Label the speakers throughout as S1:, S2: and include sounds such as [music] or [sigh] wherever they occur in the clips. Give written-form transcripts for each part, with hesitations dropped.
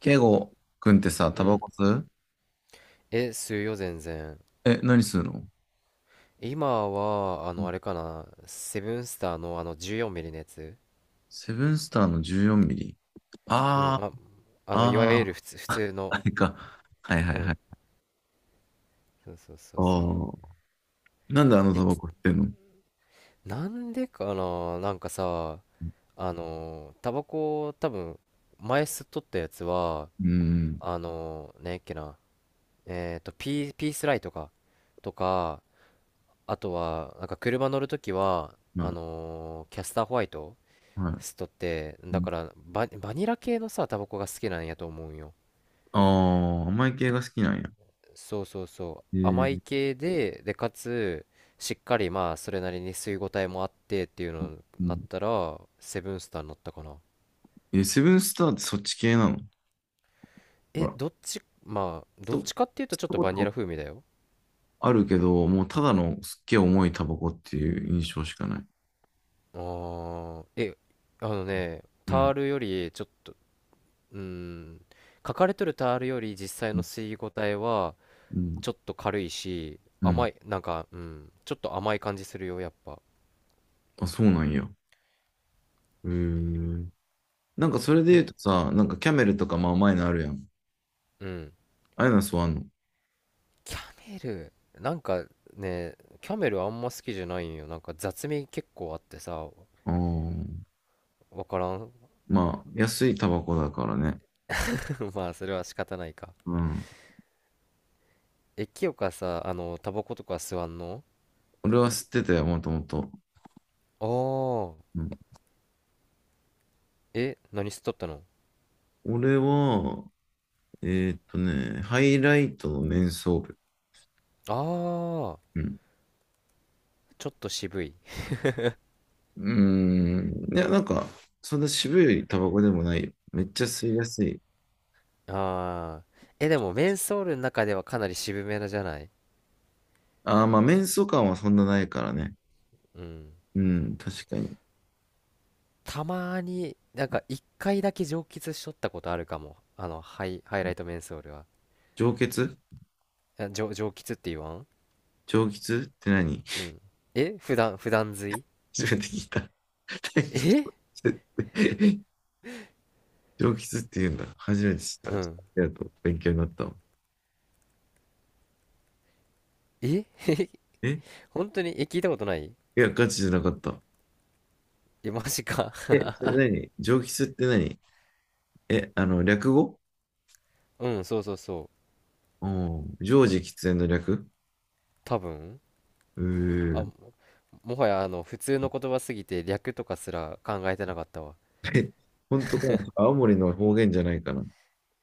S1: ケイゴくんってさ、
S2: う
S1: タバ
S2: ん。
S1: コ吸う？
S2: え、するよ、全然。
S1: え、何吸うの？
S2: 今は、
S1: うん。
S2: あれかな、セブンスターの14ミリのやつ。
S1: セブンスターの14ミリ。
S2: うん、
S1: あ
S2: あ、
S1: ー、
S2: いわ
S1: あ
S2: ゆる
S1: ー、
S2: 普通
S1: あ
S2: の、
S1: れ [laughs] か。はいは
S2: う
S1: いは
S2: ん、
S1: い。
S2: そうそうそう
S1: あ
S2: そう。
S1: あ。なんであの
S2: え、
S1: タバ
S2: き
S1: コ吸ってんの？
S2: なんでかな、なんかさ、タバコ、多分、前吸っとったやつは、
S1: うん、
S2: あの、ねえっけな、えっと、ピースライトか、とか、あとは、なんか車乗るときは、
S1: はい、
S2: キャスターホワイト
S1: は
S2: ス
S1: い。
S2: ト。って
S1: う
S2: だ
S1: ん。
S2: からバニラ系のさタバコが好きなんやと思うんよ。
S1: ああ、甘い系が好きなんや。
S2: そうそうそ
S1: え
S2: う、甘い
S1: ー、
S2: 系ででかつしっかり、まあそれなりに吸い応えもあってっていうのに
S1: う
S2: なっ
S1: ん。
S2: たら、セブンスターになったかな。
S1: え、セブンスターってそっち系なの？ほ
S2: え、
S1: ら。
S2: どっち、まあど
S1: と、
S2: っ
S1: 吸っ
S2: ちかっていうとちょっ
S1: た
S2: と
S1: こ
S2: バニ
S1: と
S2: ラ風味だよ。
S1: あるけど、もうただのすっげえ重いタバコっていう印象しかない。
S2: あーえ、あのね
S1: う
S2: ター
S1: ん、
S2: ルよりちょっと、うーん、書かれとるタールより実際
S1: う
S2: の
S1: ん、
S2: 吸い応えは
S1: うん。
S2: ちょっと軽いし
S1: うん。
S2: 甘い、なんか、うん、ちょっと甘い感じするよやっぱ。
S1: あ、そうなんや。へえ。なんかそれで
S2: え、
S1: 言うとさ、なんかキャメルとかまあ甘いのあるやん。
S2: うん。
S1: ああいうのは吸わんの。
S2: キャメル、なんかね、キャメルあんま好きじゃないんよ。なんか雑味結構あってさ、
S1: あー。
S2: わからん。
S1: まあ、安いタバコだからね。
S2: [laughs] まあ、それは仕方ないか。
S1: うん。
S2: え、清香さ、あの、タバコとか吸わんの？
S1: 俺は吸ってたよ、もともと。
S2: ああー。
S1: うん、
S2: え、何吸っとったの？
S1: 俺は、えね、ハイライトのメンソール。
S2: ああー。
S1: うん。
S2: ちょっと渋い。
S1: うーん。いや、なんか、そんな渋いタバコでもないよ。めっちゃ吸いやすい。
S2: ああ。え、でも、メンソールの中ではかなり渋めなじゃない？
S1: ああ、まあ、メンソ感はそんなないからね。
S2: うん。
S1: うん、確かに。
S2: たまーに、なんか、一回だけ蒸気しとったことあるかも。あの、ハイライトメンソールは。
S1: 上血。
S2: あ、蒸気って言わん？
S1: 上血って何？
S2: うん。え、普段吸い、
S1: [laughs] 初めて [laughs] 聞いた。[laughs] 大気
S2: え、
S1: 血って。上吉って言うんだ。初めて知った。
S2: う
S1: ちょっ
S2: ん。
S1: とありがとう。勉強になったわ。
S2: え、
S1: え、
S2: 本当にえ、聞いたことない？
S1: いや、ガチじゃなかった。
S2: え、マジか。
S1: え、それ何、上吉って何？え、あの、略語？
S2: [laughs] うん、そうそうそう。
S1: うん。常時喫煙の略？
S2: 多分。
S1: う
S2: あ、
S1: ー。
S2: もはや、あの、普通の言葉すぎて略とかすら考えてなかったわ。
S1: え、本当かな？青森の方言じゃないかな。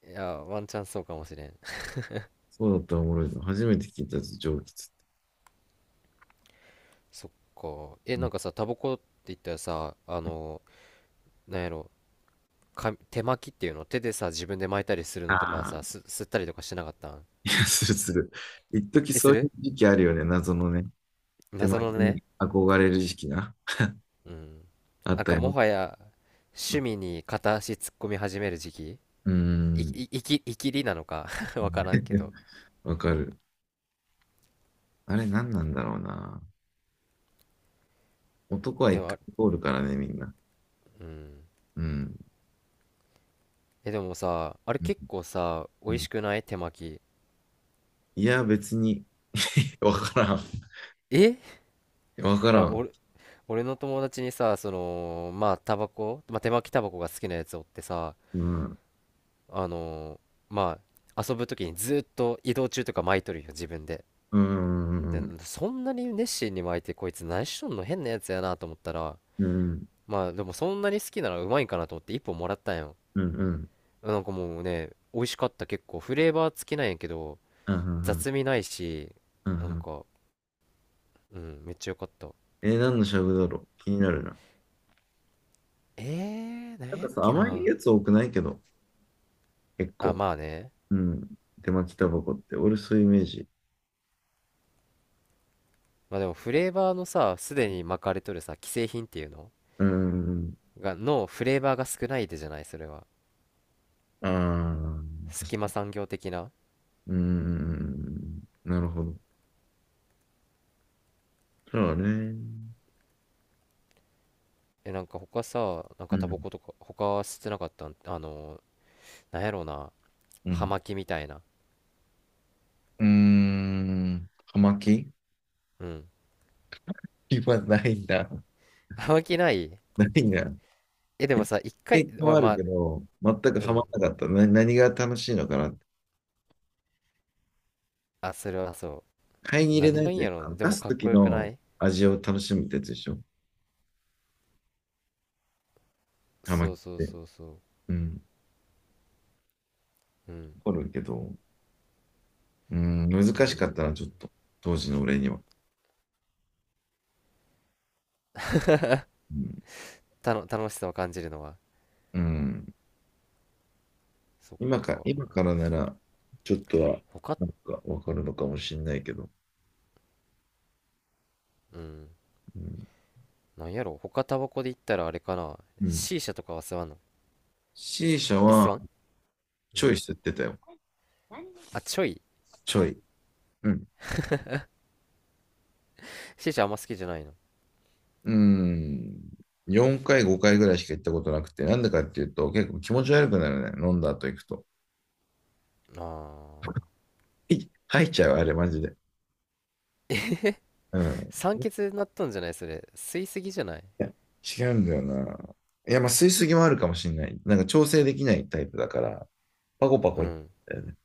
S2: いや、ワンチャンそうかもしれん。
S1: そうだったらおもろいぞ。初めて聞いたぞ、上吉って。
S2: [laughs] そっか。え、
S1: う
S2: なん
S1: ん。
S2: かさ、タバコって言ったらさ、あの、なんやろ、か、手巻きっていうの、手でさ、自分で巻いたりするのとか
S1: あ
S2: さ、
S1: あ、
S2: 吸ったりとかしてなかったん？
S1: いや、するする。一時
S2: え、
S1: そ
S2: する、
S1: ういう時期あるよね。謎のね。手
S2: 謎
S1: 巻
S2: の
S1: き
S2: ね。
S1: に憧れる時期な。
S2: うん。
S1: あ
S2: な
S1: っ
S2: ん
S1: た
S2: かも
S1: よ。
S2: はや趣味に片足突っ込み始める時期、
S1: うーん。
S2: いきりなのか [laughs] わからんけど。
S1: [laughs] わかる。あれ何なんだろうな。男は
S2: え、
S1: 一回
S2: あ、
S1: 通るからね、みんな。
S2: うん。
S1: うん。
S2: え、でもさ、あれ
S1: うん。
S2: 結構さ、美
S1: う
S2: 味
S1: ん。
S2: しくない手巻き。
S1: いや、別に、[laughs] わからん。
S2: え、
S1: わからん。
S2: 俺、俺の友達にさ、その、まあ、タバコ、まあ、手巻きタバコが好きなやつおってさ、
S1: うん。
S2: あのー、まあ、遊ぶ時にずっと移動中とか巻いとるよ、自分で。
S1: うん。
S2: で、
S1: うん。
S2: そんなに熱心に巻いて、こいつ何しとんの、変なやつやなと思ったら、
S1: うん。
S2: まあでもそんなに好きならうまいんかなと思って一本もらったんよ。
S1: うん。うん。
S2: なんかもうね、美味しかった。結構フレーバー付きなんやけど
S1: うん。うん。
S2: 雑味ないし、
S1: うん。う
S2: なん
S1: ん。
S2: か、うん、めっちゃよかった。
S1: えー、何のしゃぶだろう、気になるな。
S2: えー、なん
S1: なん
S2: や
S1: か
S2: っ
S1: さ、
S2: け
S1: 甘い
S2: な。
S1: やつ多くないけど、結
S2: あ、
S1: 構。
S2: まあね。
S1: うん。手巻きタバコって、俺そういうイメージ。
S2: まあでもフレーバーのさ、すでに巻かれとるさ既製品っていうの
S1: うん。
S2: がのフレーバーが少ないでじゃないそれは、
S1: ああ、確
S2: 隙間
S1: かに。
S2: 産業的な。
S1: うーん、なるほど。そうね。
S2: え、なんか他さ、なん
S1: う
S2: かタバ
S1: ん、
S2: コとか他吸ってなかったん、あのー、なんやろうな、
S1: う
S2: 葉
S1: ん。
S2: 巻みたいな。
S1: うーん、葉巻？
S2: うん、
S1: [laughs] 今ないんだ。
S2: 葉巻ない？
S1: 何が、い
S2: え、で
S1: や、
S2: もさ、一
S1: 経
S2: 回、
S1: 験は
S2: お、
S1: あ
S2: ま
S1: る
S2: あ、
S1: けど、全く
S2: う
S1: ハマ
S2: ん。
S1: らなかった。な、何が楽しいのかなって。
S2: あ、それはそ
S1: 買いに
S2: う。
S1: 入れな
S2: 何
S1: いや
S2: がい
S1: つ
S2: いん
S1: でし
S2: や
S1: ょ。
S2: ろう
S1: あ
S2: ね。
S1: の
S2: で
S1: 出
S2: も
S1: す
S2: かっこ
S1: 時
S2: よくな
S1: の
S2: い？
S1: 味を楽しむってやつでしょ。ハマ
S2: そ
S1: っ
S2: うそう
S1: て。
S2: そうそ
S1: うん。
S2: う。うん。
S1: 怒るけど、うん、
S2: う
S1: 難し
S2: ん。
S1: かったな、ちょっと。当時の俺には。うん。
S2: たの、楽しさを感じるのは。
S1: うん。
S2: そっ
S1: 今か、今
S2: か。
S1: からなら、ちょっとは、
S2: 他、
S1: なんかわかるのかもしれないけど。
S2: うん。
S1: うん。
S2: なんやろう、他タバコで言ったらあれかな。
S1: うん。
S2: シーシャとかは吸わんの？
S1: C 社
S2: え、吸
S1: は、
S2: わん？う
S1: ちょい
S2: ん。
S1: 吸ってたよ。
S2: あ、ちょい。
S1: ちょい。うん。
S2: シーシャあんま好きじゃないの。
S1: うん。4回、5回ぐらいしか行ったことなくて、なんでかっていうと、結構気持ち悪くなるね。飲んだ後行くと。
S2: ああ。
S1: い、吐いちゃう、あれ、マジで。うん。い
S2: 酸欠になっとんじゃないそれ。吸いすぎじゃない？
S1: や、違うんだよな。いや、まあ、吸いすぎもあるかもしれない。なんか調整できないタイプだから、パコパ
S2: う
S1: コいっ
S2: ん。
S1: たよね。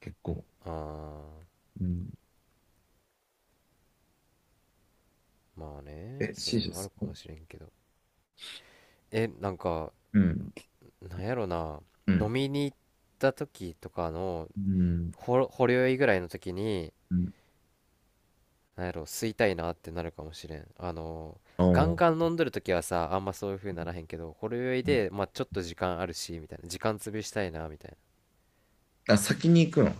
S1: 結構。
S2: ああ。
S1: うん。
S2: まあね。
S1: え、
S2: そうい
S1: C
S2: うの
S1: 社好
S2: もある
S1: ス。
S2: かもしれんけど。え、なんか、
S1: うん。
S2: なんやろな、
S1: う
S2: 飲
S1: ん。
S2: みに行った時とかの
S1: うん。
S2: ほ、ほろ酔いぐらいの時に
S1: うん。
S2: なんやろ、吸いたいなってなるかもしれん、あの、
S1: お
S2: ガン
S1: ー。
S2: ガン飲んどる時はさ、あんまそういう風にならへんけど、ほろ酔いでまあちょっと時間あるしみたいな、時間潰したいなみたい
S1: あ、先に行くの？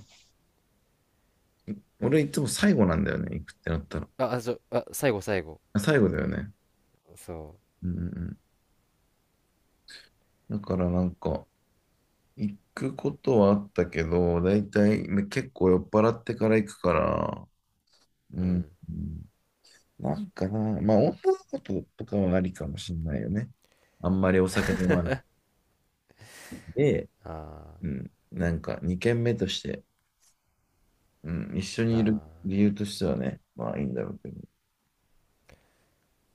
S1: 俺いつも最後なんだよね。行くってなったら。
S2: な。ああ、そう、あ、最後、最後、
S1: あ、最後だよね。
S2: そ
S1: うん、うん。うん。だからなんか、行くことはあったけど、だいたいね結構酔っ払ってから行くから、う
S2: う、う
S1: ん。
S2: ん。
S1: うん。なんかな、まあ女の子と、とかはありかもしんないよね。あんまりお酒飲まないで、
S2: あ
S1: うん。なんか2軒目として、うん。一緒
S2: ー、
S1: に
S2: あ
S1: いる
S2: ー、
S1: 理由としてはね、まあいいんだろうけど、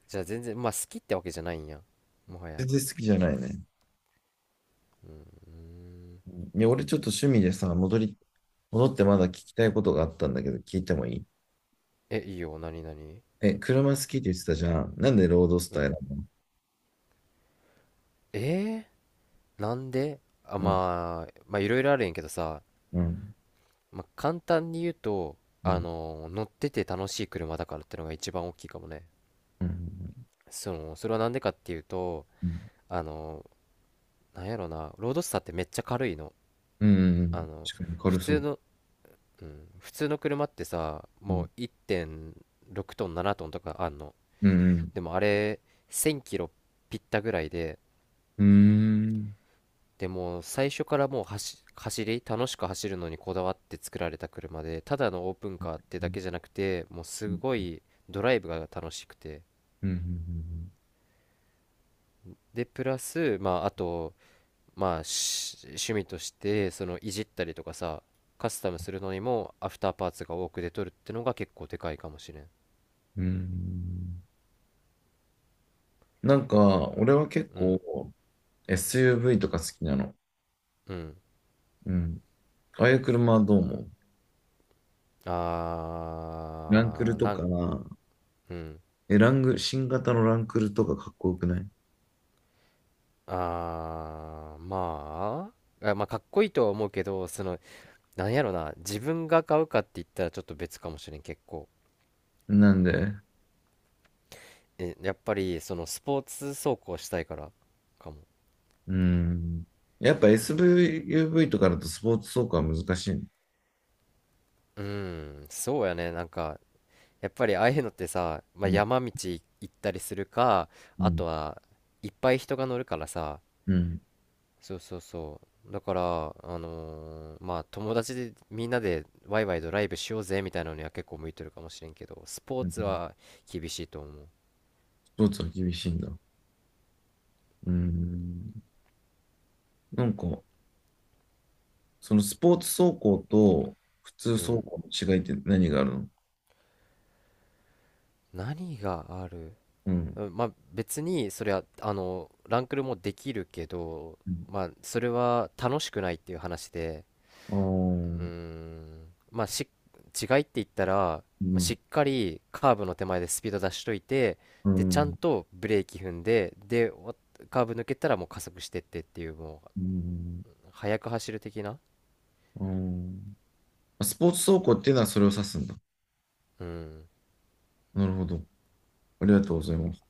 S2: じゃあ全然まあ好きってわけじゃないんや、もは
S1: 全
S2: や。
S1: 然好きじゃないね。
S2: うーん。
S1: うん。いや、俺ちょっと趣味でさ、戻り、戻ってまだ聞きたいことがあったんだけど、聞いてもいい？
S2: え、いいよ、何何。
S1: え、車好きって言ってたじゃん。なんでロードス
S2: う
S1: タ
S2: ん。
S1: イルなの？
S2: えー、なんであ、
S1: うん、
S2: まあまあいろいろあるんやけどさ、
S1: うん、
S2: まあ、簡単に言うと、
S1: う
S2: あ
S1: ん、
S2: のー、乗ってて楽しい車だからってのが一番大きいかもね。
S1: うん。うん。
S2: その、それはなんでかっていうと、
S1: うん。
S2: あのー、なんやろな、ロードスターってめっちゃ軽いの。
S1: うん。うん。う
S2: あ
S1: ん
S2: の、
S1: 確かに
S2: 普
S1: 軽そ
S2: 通
S1: う。
S2: の、うん、普通の車ってさ、
S1: う
S2: も
S1: ん。
S2: う1.6トン、7トンとかあんの。
S1: うん。
S2: でもあれ、1000キロぴったぐらいで、
S1: うん。
S2: でもう最初からもう走り、楽しく走るのにこだわって作られた車で、ただのオープンカーって
S1: う
S2: だ
S1: ん。
S2: けじゃなくて、もう
S1: う
S2: す
S1: ん。
S2: ごいドライブが楽しくて、
S1: うん。
S2: で、プラス、まあ、あと、まあ、し趣味として、その、いじったりとかさ、カスタムするのにも、アフターパーツが多く出とるってのが結構でかいかもしれん。
S1: うん。なんか、俺は結
S2: うん、
S1: 構 SUV とか好きなの。
S2: うん。
S1: うん。ああいう車はどう思う？ランク
S2: あ
S1: ル
S2: ー、
S1: と
S2: な
S1: か、
S2: ん、うん。
S1: え、ラング、新型のランクルとかかっこよくない？
S2: あー、まあ、あ、まあ、かっこいいとは思うけど、その、なんやろな、自分が買うかって言ったらちょっと別かもしれん、結構。
S1: なんで、
S2: え、やっぱり、その、スポーツ走行したいから、かも。
S1: うん。やっぱ SUV とかだとスポーツ走行は難しいの？
S2: うん、そうやね、なんか、やっぱりああいうのってさ、ま
S1: う
S2: あ、
S1: ん。
S2: 山道行ったりするか、
S1: う
S2: あ
S1: ん。
S2: とはいっぱい人が乗るからさ、
S1: うん。
S2: そうそうそう。だから、あのー、まあ友達でみんなでワイワイドライブしようぜみたいなのには結構向いてるかもしれんけど、スポー
S1: う
S2: ツ
S1: ん。
S2: は厳しいと思う。
S1: スポーツは厳しいんだ。うん。なんか、そのスポーツ走行と普通
S2: う
S1: 走行
S2: ん。
S1: の違いって何があるの？
S2: 何がある？
S1: うん。
S2: うん、まあ別にそれはあのランクルもできるけど、
S1: うん。
S2: まあそれは楽しくないっていう話で、
S1: あ
S2: うー
S1: ー。
S2: ん、まあし、違いって言ったら、ま
S1: う
S2: あし
S1: ん。
S2: っかりカーブの手前でスピード出しといて、
S1: う
S2: で、ちゃん
S1: ん。
S2: とブレーキ踏んで、で、お、カーブ抜けたらもう加速してってっていう、も
S1: うん。
S2: う、速く走る的な。
S1: うん。あ、スポーツ走行っていうのはそれを指すんだ。
S2: うん。
S1: なるほど。ありがとうございます。